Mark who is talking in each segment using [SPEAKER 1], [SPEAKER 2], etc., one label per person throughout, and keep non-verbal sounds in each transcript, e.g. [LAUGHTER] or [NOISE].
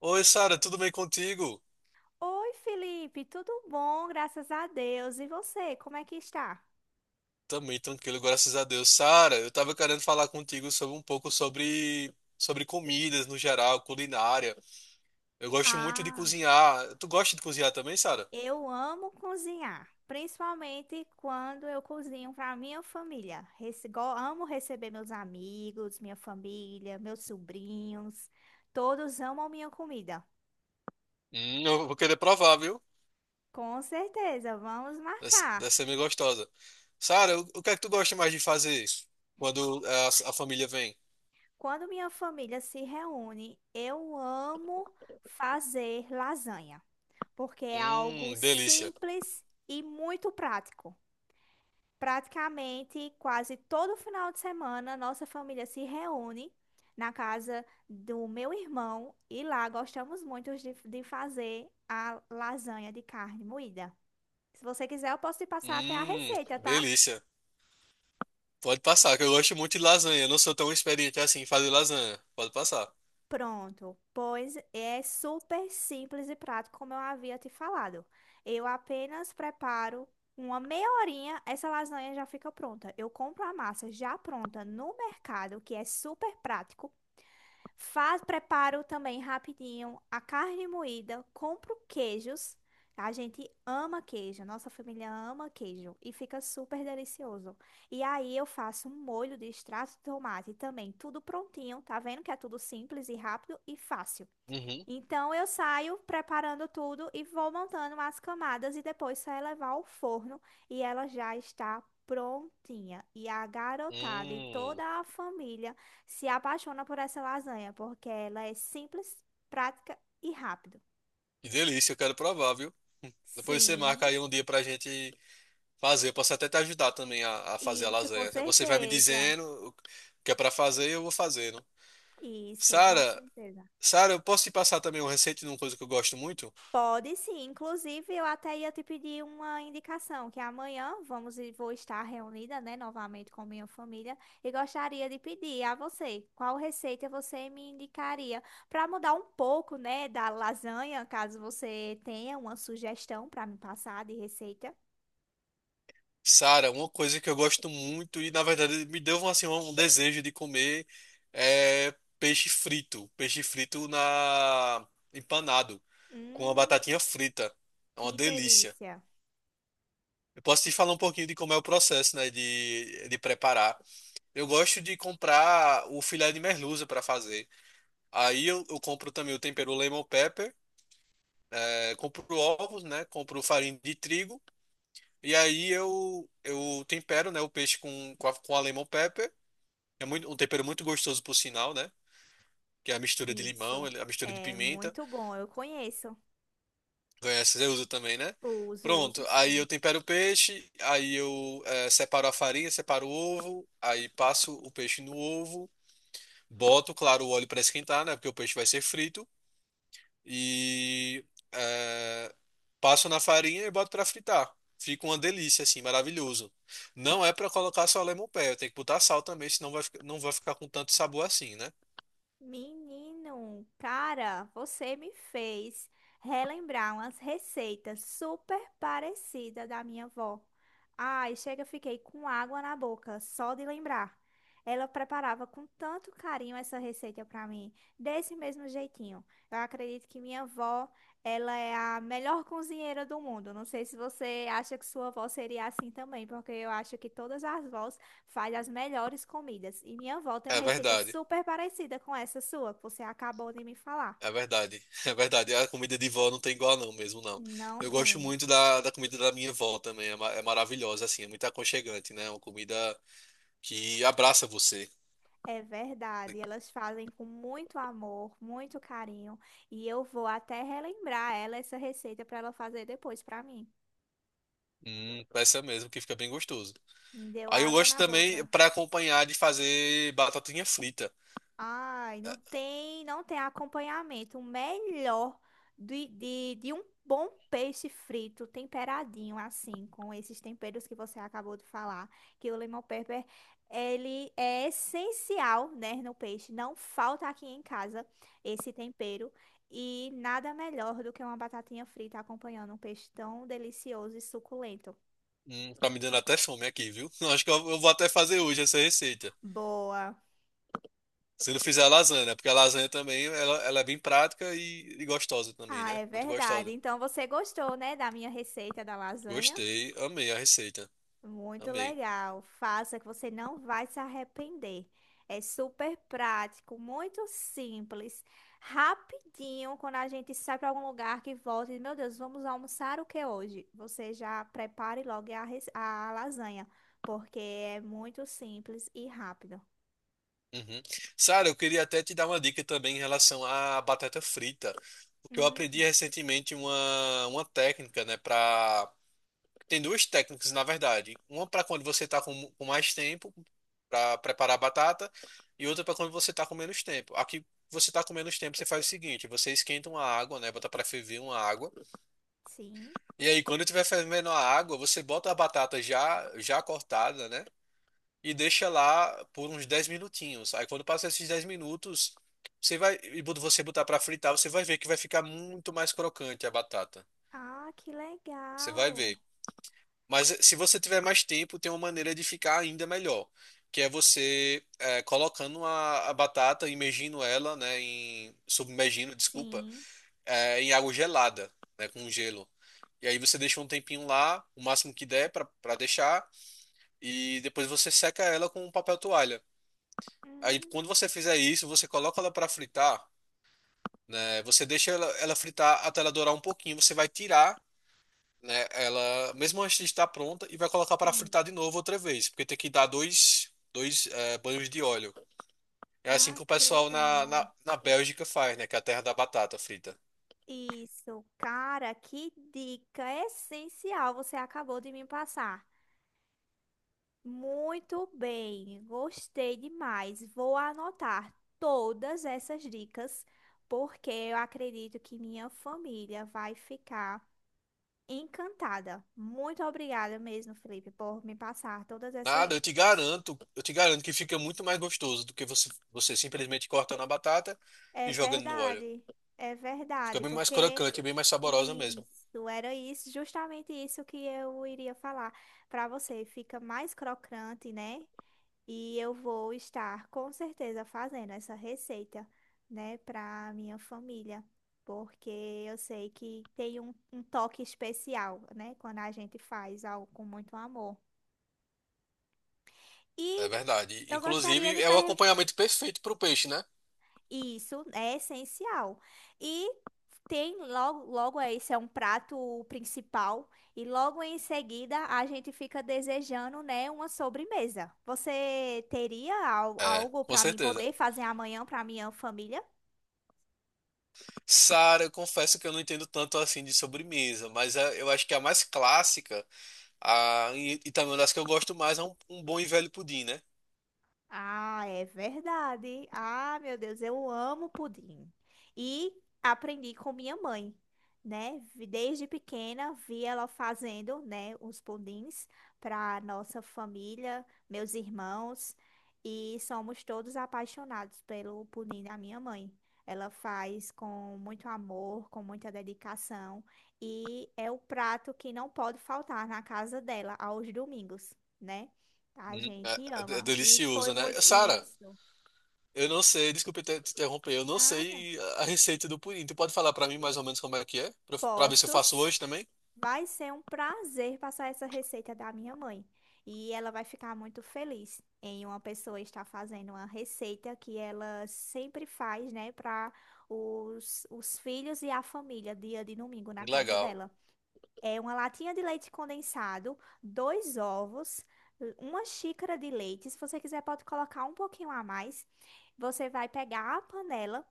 [SPEAKER 1] Oi, Sara, tudo bem contigo?
[SPEAKER 2] Oi, Felipe, tudo bom? Graças a Deus. E você, como é que está?
[SPEAKER 1] Também tranquilo, graças a Deus. Sara, eu tava querendo falar contigo sobre um pouco sobre comidas no geral, culinária. Eu gosto muito de
[SPEAKER 2] Ah,
[SPEAKER 1] cozinhar. Tu gosta de cozinhar também, Sara?
[SPEAKER 2] eu amo cozinhar, principalmente quando eu cozinho para minha família. Amo receber meus amigos, minha família, meus sobrinhos. Todos amam minha comida.
[SPEAKER 1] Eu vou querer provar, viu?
[SPEAKER 2] Com certeza, vamos
[SPEAKER 1] Deve
[SPEAKER 2] marcar.
[SPEAKER 1] deve ser meio gostosa. Sara, o que é que tu gosta mais de fazer quando a família vem?
[SPEAKER 2] Quando minha família se reúne, eu amo fazer lasanha, porque é algo
[SPEAKER 1] Delícia.
[SPEAKER 2] simples e muito prático. Praticamente quase todo final de semana, nossa família se reúne na casa do meu irmão e lá gostamos muito de fazer a lasanha de carne moída. Se você quiser, eu posso te passar até a
[SPEAKER 1] Hum,
[SPEAKER 2] receita, tá?
[SPEAKER 1] delícia. Pode passar, que eu gosto muito de lasanha. Eu não sou tão experiente assim em fazer lasanha. Pode passar.
[SPEAKER 2] Pronto, pois é super simples e prático, como eu havia te falado. Eu apenas preparo uma meia horinha, essa lasanha já fica pronta. Eu compro a massa já pronta no mercado, que é super prático. Faz, preparo também rapidinho a carne moída, compro queijos. A gente ama queijo, nossa família ama queijo e fica super delicioso. E aí eu faço um molho de extrato de tomate também, tudo prontinho, tá vendo que é tudo simples e rápido e fácil.
[SPEAKER 1] Uhum.
[SPEAKER 2] Então eu saio preparando tudo e vou montando as camadas e depois só é levar ao forno e ela já está prontinha. E a garotada e
[SPEAKER 1] Hum.
[SPEAKER 2] toda a família se apaixona por essa lasanha, porque ela é simples, prática e rápido.
[SPEAKER 1] Que delícia, eu quero provar, viu? Depois você marca
[SPEAKER 2] Sim,
[SPEAKER 1] aí um dia pra gente fazer. Eu posso até te ajudar também a fazer a
[SPEAKER 2] isso com
[SPEAKER 1] lasanha. Você vai me
[SPEAKER 2] certeza.
[SPEAKER 1] dizendo o que é pra fazer e eu vou fazendo.
[SPEAKER 2] Isso, com
[SPEAKER 1] Sara,
[SPEAKER 2] certeza.
[SPEAKER 1] Sara, eu posso te passar também uma receita de uma coisa que eu gosto muito?
[SPEAKER 2] Pode sim, inclusive eu até ia te pedir uma indicação, que amanhã vamos e vou estar reunida, né, novamente com minha família e gostaria de pedir a você qual receita você me indicaria para mudar um pouco, né, da lasanha, caso você tenha uma sugestão para me passar de receita.
[SPEAKER 1] Sara, uma coisa que eu gosto muito e na verdade me deu assim, um desejo de comer é peixe frito. Peixe frito na empanado com a
[SPEAKER 2] Hum,
[SPEAKER 1] batatinha frita. É uma
[SPEAKER 2] que
[SPEAKER 1] delícia.
[SPEAKER 2] delícia.
[SPEAKER 1] Eu posso te falar um pouquinho de como é o processo, né, de preparar. Eu gosto de comprar o filé de merluza para fazer. Aí eu compro também o tempero lemon pepper, compro ovos, né? Compro farinha de trigo. E aí eu tempero, né, o peixe com, com a lemon pepper. É muito, um tempero muito gostoso, por sinal, né? Que é a mistura de limão,
[SPEAKER 2] Isso.
[SPEAKER 1] a mistura de
[SPEAKER 2] É
[SPEAKER 1] pimenta.
[SPEAKER 2] muito bom, eu conheço.
[SPEAKER 1] Conhece, eu uso também, né?
[SPEAKER 2] Uso, uso
[SPEAKER 1] Pronto, aí
[SPEAKER 2] sim.
[SPEAKER 1] eu tempero o peixe, aí eu separo a farinha, separo o ovo, aí passo o peixe no ovo, boto, claro, o óleo para esquentar, né? Porque o peixe vai ser frito. e é, Passo na farinha e boto pra fritar. Fica uma delícia, assim, maravilhoso. Não é pra colocar só lemon pepper, tem que botar sal também, senão não vai ficar com tanto sabor assim, né?
[SPEAKER 2] Menino, cara, você me fez relembrar umas receitas super parecidas da minha avó. Ai, chega, fiquei com água na boca só de lembrar. Ela preparava com tanto carinho essa receita para mim, desse mesmo jeitinho. Eu acredito que minha avó, ela é a melhor cozinheira do mundo. Não sei se você acha que sua avó seria assim também, porque eu acho que todas as vós faz as melhores comidas. E minha avó tem uma
[SPEAKER 1] É
[SPEAKER 2] receita
[SPEAKER 1] verdade,
[SPEAKER 2] super parecida com essa sua, que você acabou de me falar.
[SPEAKER 1] é verdade, [LAUGHS] é verdade. A comida de vó não tem igual não, mesmo não.
[SPEAKER 2] Não
[SPEAKER 1] Eu gosto
[SPEAKER 2] tem.
[SPEAKER 1] muito da, da comida da minha vó também, é maravilhosa, assim, é muito aconchegante, né? É uma comida que abraça você.
[SPEAKER 2] É verdade. Elas fazem com muito amor, muito carinho. E eu vou até relembrar ela essa receita para ela fazer depois para mim.
[SPEAKER 1] Essa mesmo, que fica bem gostoso.
[SPEAKER 2] Me deu
[SPEAKER 1] Aí eu
[SPEAKER 2] água
[SPEAKER 1] gosto
[SPEAKER 2] na
[SPEAKER 1] também,
[SPEAKER 2] boca.
[SPEAKER 1] pra acompanhar, de fazer batatinha frita.
[SPEAKER 2] Ai,
[SPEAKER 1] É,
[SPEAKER 2] não tem, não tem acompanhamento. O melhor de um bom peixe frito, temperadinho assim, com esses temperos que você acabou de falar, que o lemon pepper, ele é essencial, né, no peixe. Não falta aqui em casa esse tempero. E nada melhor do que uma batatinha frita acompanhando um peixe tão delicioso e suculento.
[SPEAKER 1] Tá me dando até fome aqui, viu? [LAUGHS] Eu acho que eu vou até fazer hoje essa receita.
[SPEAKER 2] Boa.
[SPEAKER 1] Se não fizer a lasanha, né? Porque a lasanha também ela é bem prática e gostosa também,
[SPEAKER 2] Ah,
[SPEAKER 1] né?
[SPEAKER 2] é
[SPEAKER 1] Muito
[SPEAKER 2] verdade.
[SPEAKER 1] gostosa.
[SPEAKER 2] Então você gostou, né, da minha receita da lasanha?
[SPEAKER 1] Gostei, amei a receita.
[SPEAKER 2] Muito
[SPEAKER 1] Amei.
[SPEAKER 2] legal. Faça que você não vai se arrepender. É super prático, muito simples, rapidinho. Quando a gente sai para algum lugar que volta e, diz, meu Deus, vamos almoçar o que hoje? Você já prepare logo a lasanha, porque é muito simples e rápido.
[SPEAKER 1] Uhum. Sara, eu queria até te dar uma dica também em relação à batata frita. Porque eu aprendi
[SPEAKER 2] Hum,
[SPEAKER 1] recentemente uma técnica, né, para tem duas técnicas, na verdade. Uma para quando você tá com mais tempo para preparar a batata e outra para quando você tá com menos tempo. Aqui você tá com menos tempo, você faz o seguinte, você esquenta uma água, né, bota para ferver uma água.
[SPEAKER 2] sim.
[SPEAKER 1] E aí quando tiver fervendo a água, você bota a batata já cortada, né? E deixa lá por uns 10 minutinhos. Aí quando passa esses 10 minutos, você vai e quando você botar para fritar, você vai ver que vai ficar muito mais crocante a batata.
[SPEAKER 2] Ah, que
[SPEAKER 1] Você vai
[SPEAKER 2] legal.
[SPEAKER 1] ver. Mas se você tiver mais tempo, tem uma maneira de ficar ainda melhor, que é você colocando a batata, imergindo ela, né, submergindo, desculpa,
[SPEAKER 2] Sim.
[SPEAKER 1] em água gelada, né, com gelo. E aí você deixa um tempinho lá, o máximo que der para deixar, e depois você seca ela com um papel toalha. Aí
[SPEAKER 2] Hum,
[SPEAKER 1] quando você fizer isso, você coloca ela para fritar, né, você deixa ela fritar até ela dourar um pouquinho, você vai tirar né? Ela, mesmo antes de estar pronta, e vai colocar para
[SPEAKER 2] sim.
[SPEAKER 1] fritar de novo outra vez, porque tem que dar dois banhos de óleo. É assim
[SPEAKER 2] Ah,
[SPEAKER 1] que o
[SPEAKER 2] que
[SPEAKER 1] pessoal na, na,
[SPEAKER 2] legal.
[SPEAKER 1] na Bélgica faz, né? Que é a terra da batata frita.
[SPEAKER 2] Isso, cara, que dica essencial você acabou de me passar. Muito bem, gostei demais. Vou anotar todas essas dicas, porque eu acredito que minha família vai ficar encantada. Muito obrigada mesmo, Felipe, por me passar todas essas
[SPEAKER 1] Nada, eu te
[SPEAKER 2] dicas.
[SPEAKER 1] garanto, eu te garanto que fica muito mais gostoso do que você simplesmente cortando a batata
[SPEAKER 2] É
[SPEAKER 1] e jogando no óleo.
[SPEAKER 2] verdade, é
[SPEAKER 1] Fica
[SPEAKER 2] verdade,
[SPEAKER 1] bem mais
[SPEAKER 2] porque.
[SPEAKER 1] crocante, bem mais saborosa mesmo.
[SPEAKER 2] Isso, era isso, justamente isso que eu iria falar para você. Fica mais crocante, né? E eu vou estar com certeza fazendo essa receita, né, para minha família, porque eu sei que tem um toque especial, né, quando a gente faz algo com muito amor.
[SPEAKER 1] É
[SPEAKER 2] E
[SPEAKER 1] verdade.
[SPEAKER 2] eu gostaria
[SPEAKER 1] Inclusive,
[SPEAKER 2] de
[SPEAKER 1] é o
[SPEAKER 2] perguntar.
[SPEAKER 1] acompanhamento perfeito para o peixe, né?
[SPEAKER 2] Isso é essencial. E tem logo, logo é, esse é um prato principal e logo em seguida a gente fica desejando, né, uma sobremesa. Você teria
[SPEAKER 1] É,
[SPEAKER 2] algo
[SPEAKER 1] com
[SPEAKER 2] para mim
[SPEAKER 1] certeza.
[SPEAKER 2] poder fazer amanhã para minha família?
[SPEAKER 1] Sara, eu confesso que eu não entendo tanto assim de sobremesa, mas eu acho que a mais clássica, e também uma das que eu gosto mais, é um bom e velho pudim, né?
[SPEAKER 2] Ah, é verdade. Ah, meu Deus, eu amo pudim. E aprendi com minha mãe, né? Desde pequena vi ela fazendo, né, os pudins para nossa família, meus irmãos, e somos todos apaixonados pelo pudim da minha mãe. Ela faz com muito amor, com muita dedicação, e é o prato que não pode faltar na casa dela aos domingos, né? A
[SPEAKER 1] Hum. É,
[SPEAKER 2] gente
[SPEAKER 1] é
[SPEAKER 2] ama. E foi
[SPEAKER 1] delicioso,
[SPEAKER 2] muito
[SPEAKER 1] né? Sara,
[SPEAKER 2] isso.
[SPEAKER 1] eu não sei, desculpe te interromper, eu não
[SPEAKER 2] Nada.
[SPEAKER 1] sei a receita do pudim. Tu pode falar para mim mais ou menos como é que é? Para ver se eu
[SPEAKER 2] Posso.
[SPEAKER 1] faço hoje também?
[SPEAKER 2] Vai ser um prazer passar essa receita da minha mãe. E ela vai ficar muito feliz em uma pessoa estar fazendo uma receita que ela sempre faz, né, para os filhos e a família, dia de domingo na casa
[SPEAKER 1] Legal.
[SPEAKER 2] dela. É uma latinha de leite condensado, dois ovos, uma xícara de leite. Se você quiser, pode colocar um pouquinho a mais. Você vai pegar a panela.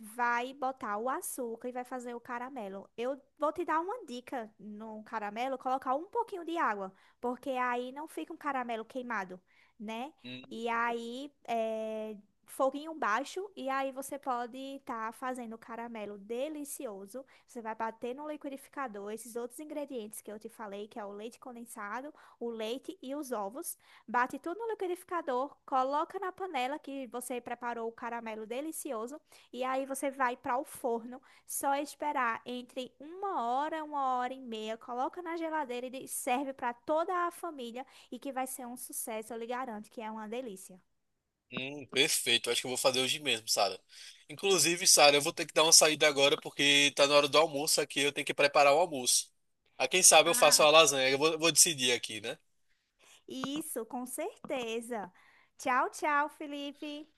[SPEAKER 2] Vai botar o açúcar e vai fazer o caramelo. Eu vou te dar uma dica no caramelo, colocar um pouquinho de água, porque aí não fica um caramelo queimado, né?
[SPEAKER 1] Hum.
[SPEAKER 2] E aí, é, foguinho baixo, e aí você pode estar fazendo o caramelo delicioso. Você vai bater no liquidificador esses outros ingredientes que eu te falei, que é o leite condensado, o leite e os ovos. Bate tudo no liquidificador, coloca na panela que você preparou o caramelo delicioso e aí você vai para o forno, só esperar entre uma hora e meia, coloca na geladeira e serve para toda a família e que vai ser um sucesso, eu lhe garanto que é uma delícia.
[SPEAKER 1] Perfeito. Acho que eu vou fazer hoje mesmo, Sara. Inclusive, Sara, eu vou ter que dar uma saída agora porque tá na hora do almoço aqui. Eu tenho que preparar o almoço. Ah, quem sabe eu faço
[SPEAKER 2] Ah,
[SPEAKER 1] a lasanha. Eu vou decidir aqui, né?
[SPEAKER 2] isso, com certeza. Tchau, tchau, Felipe.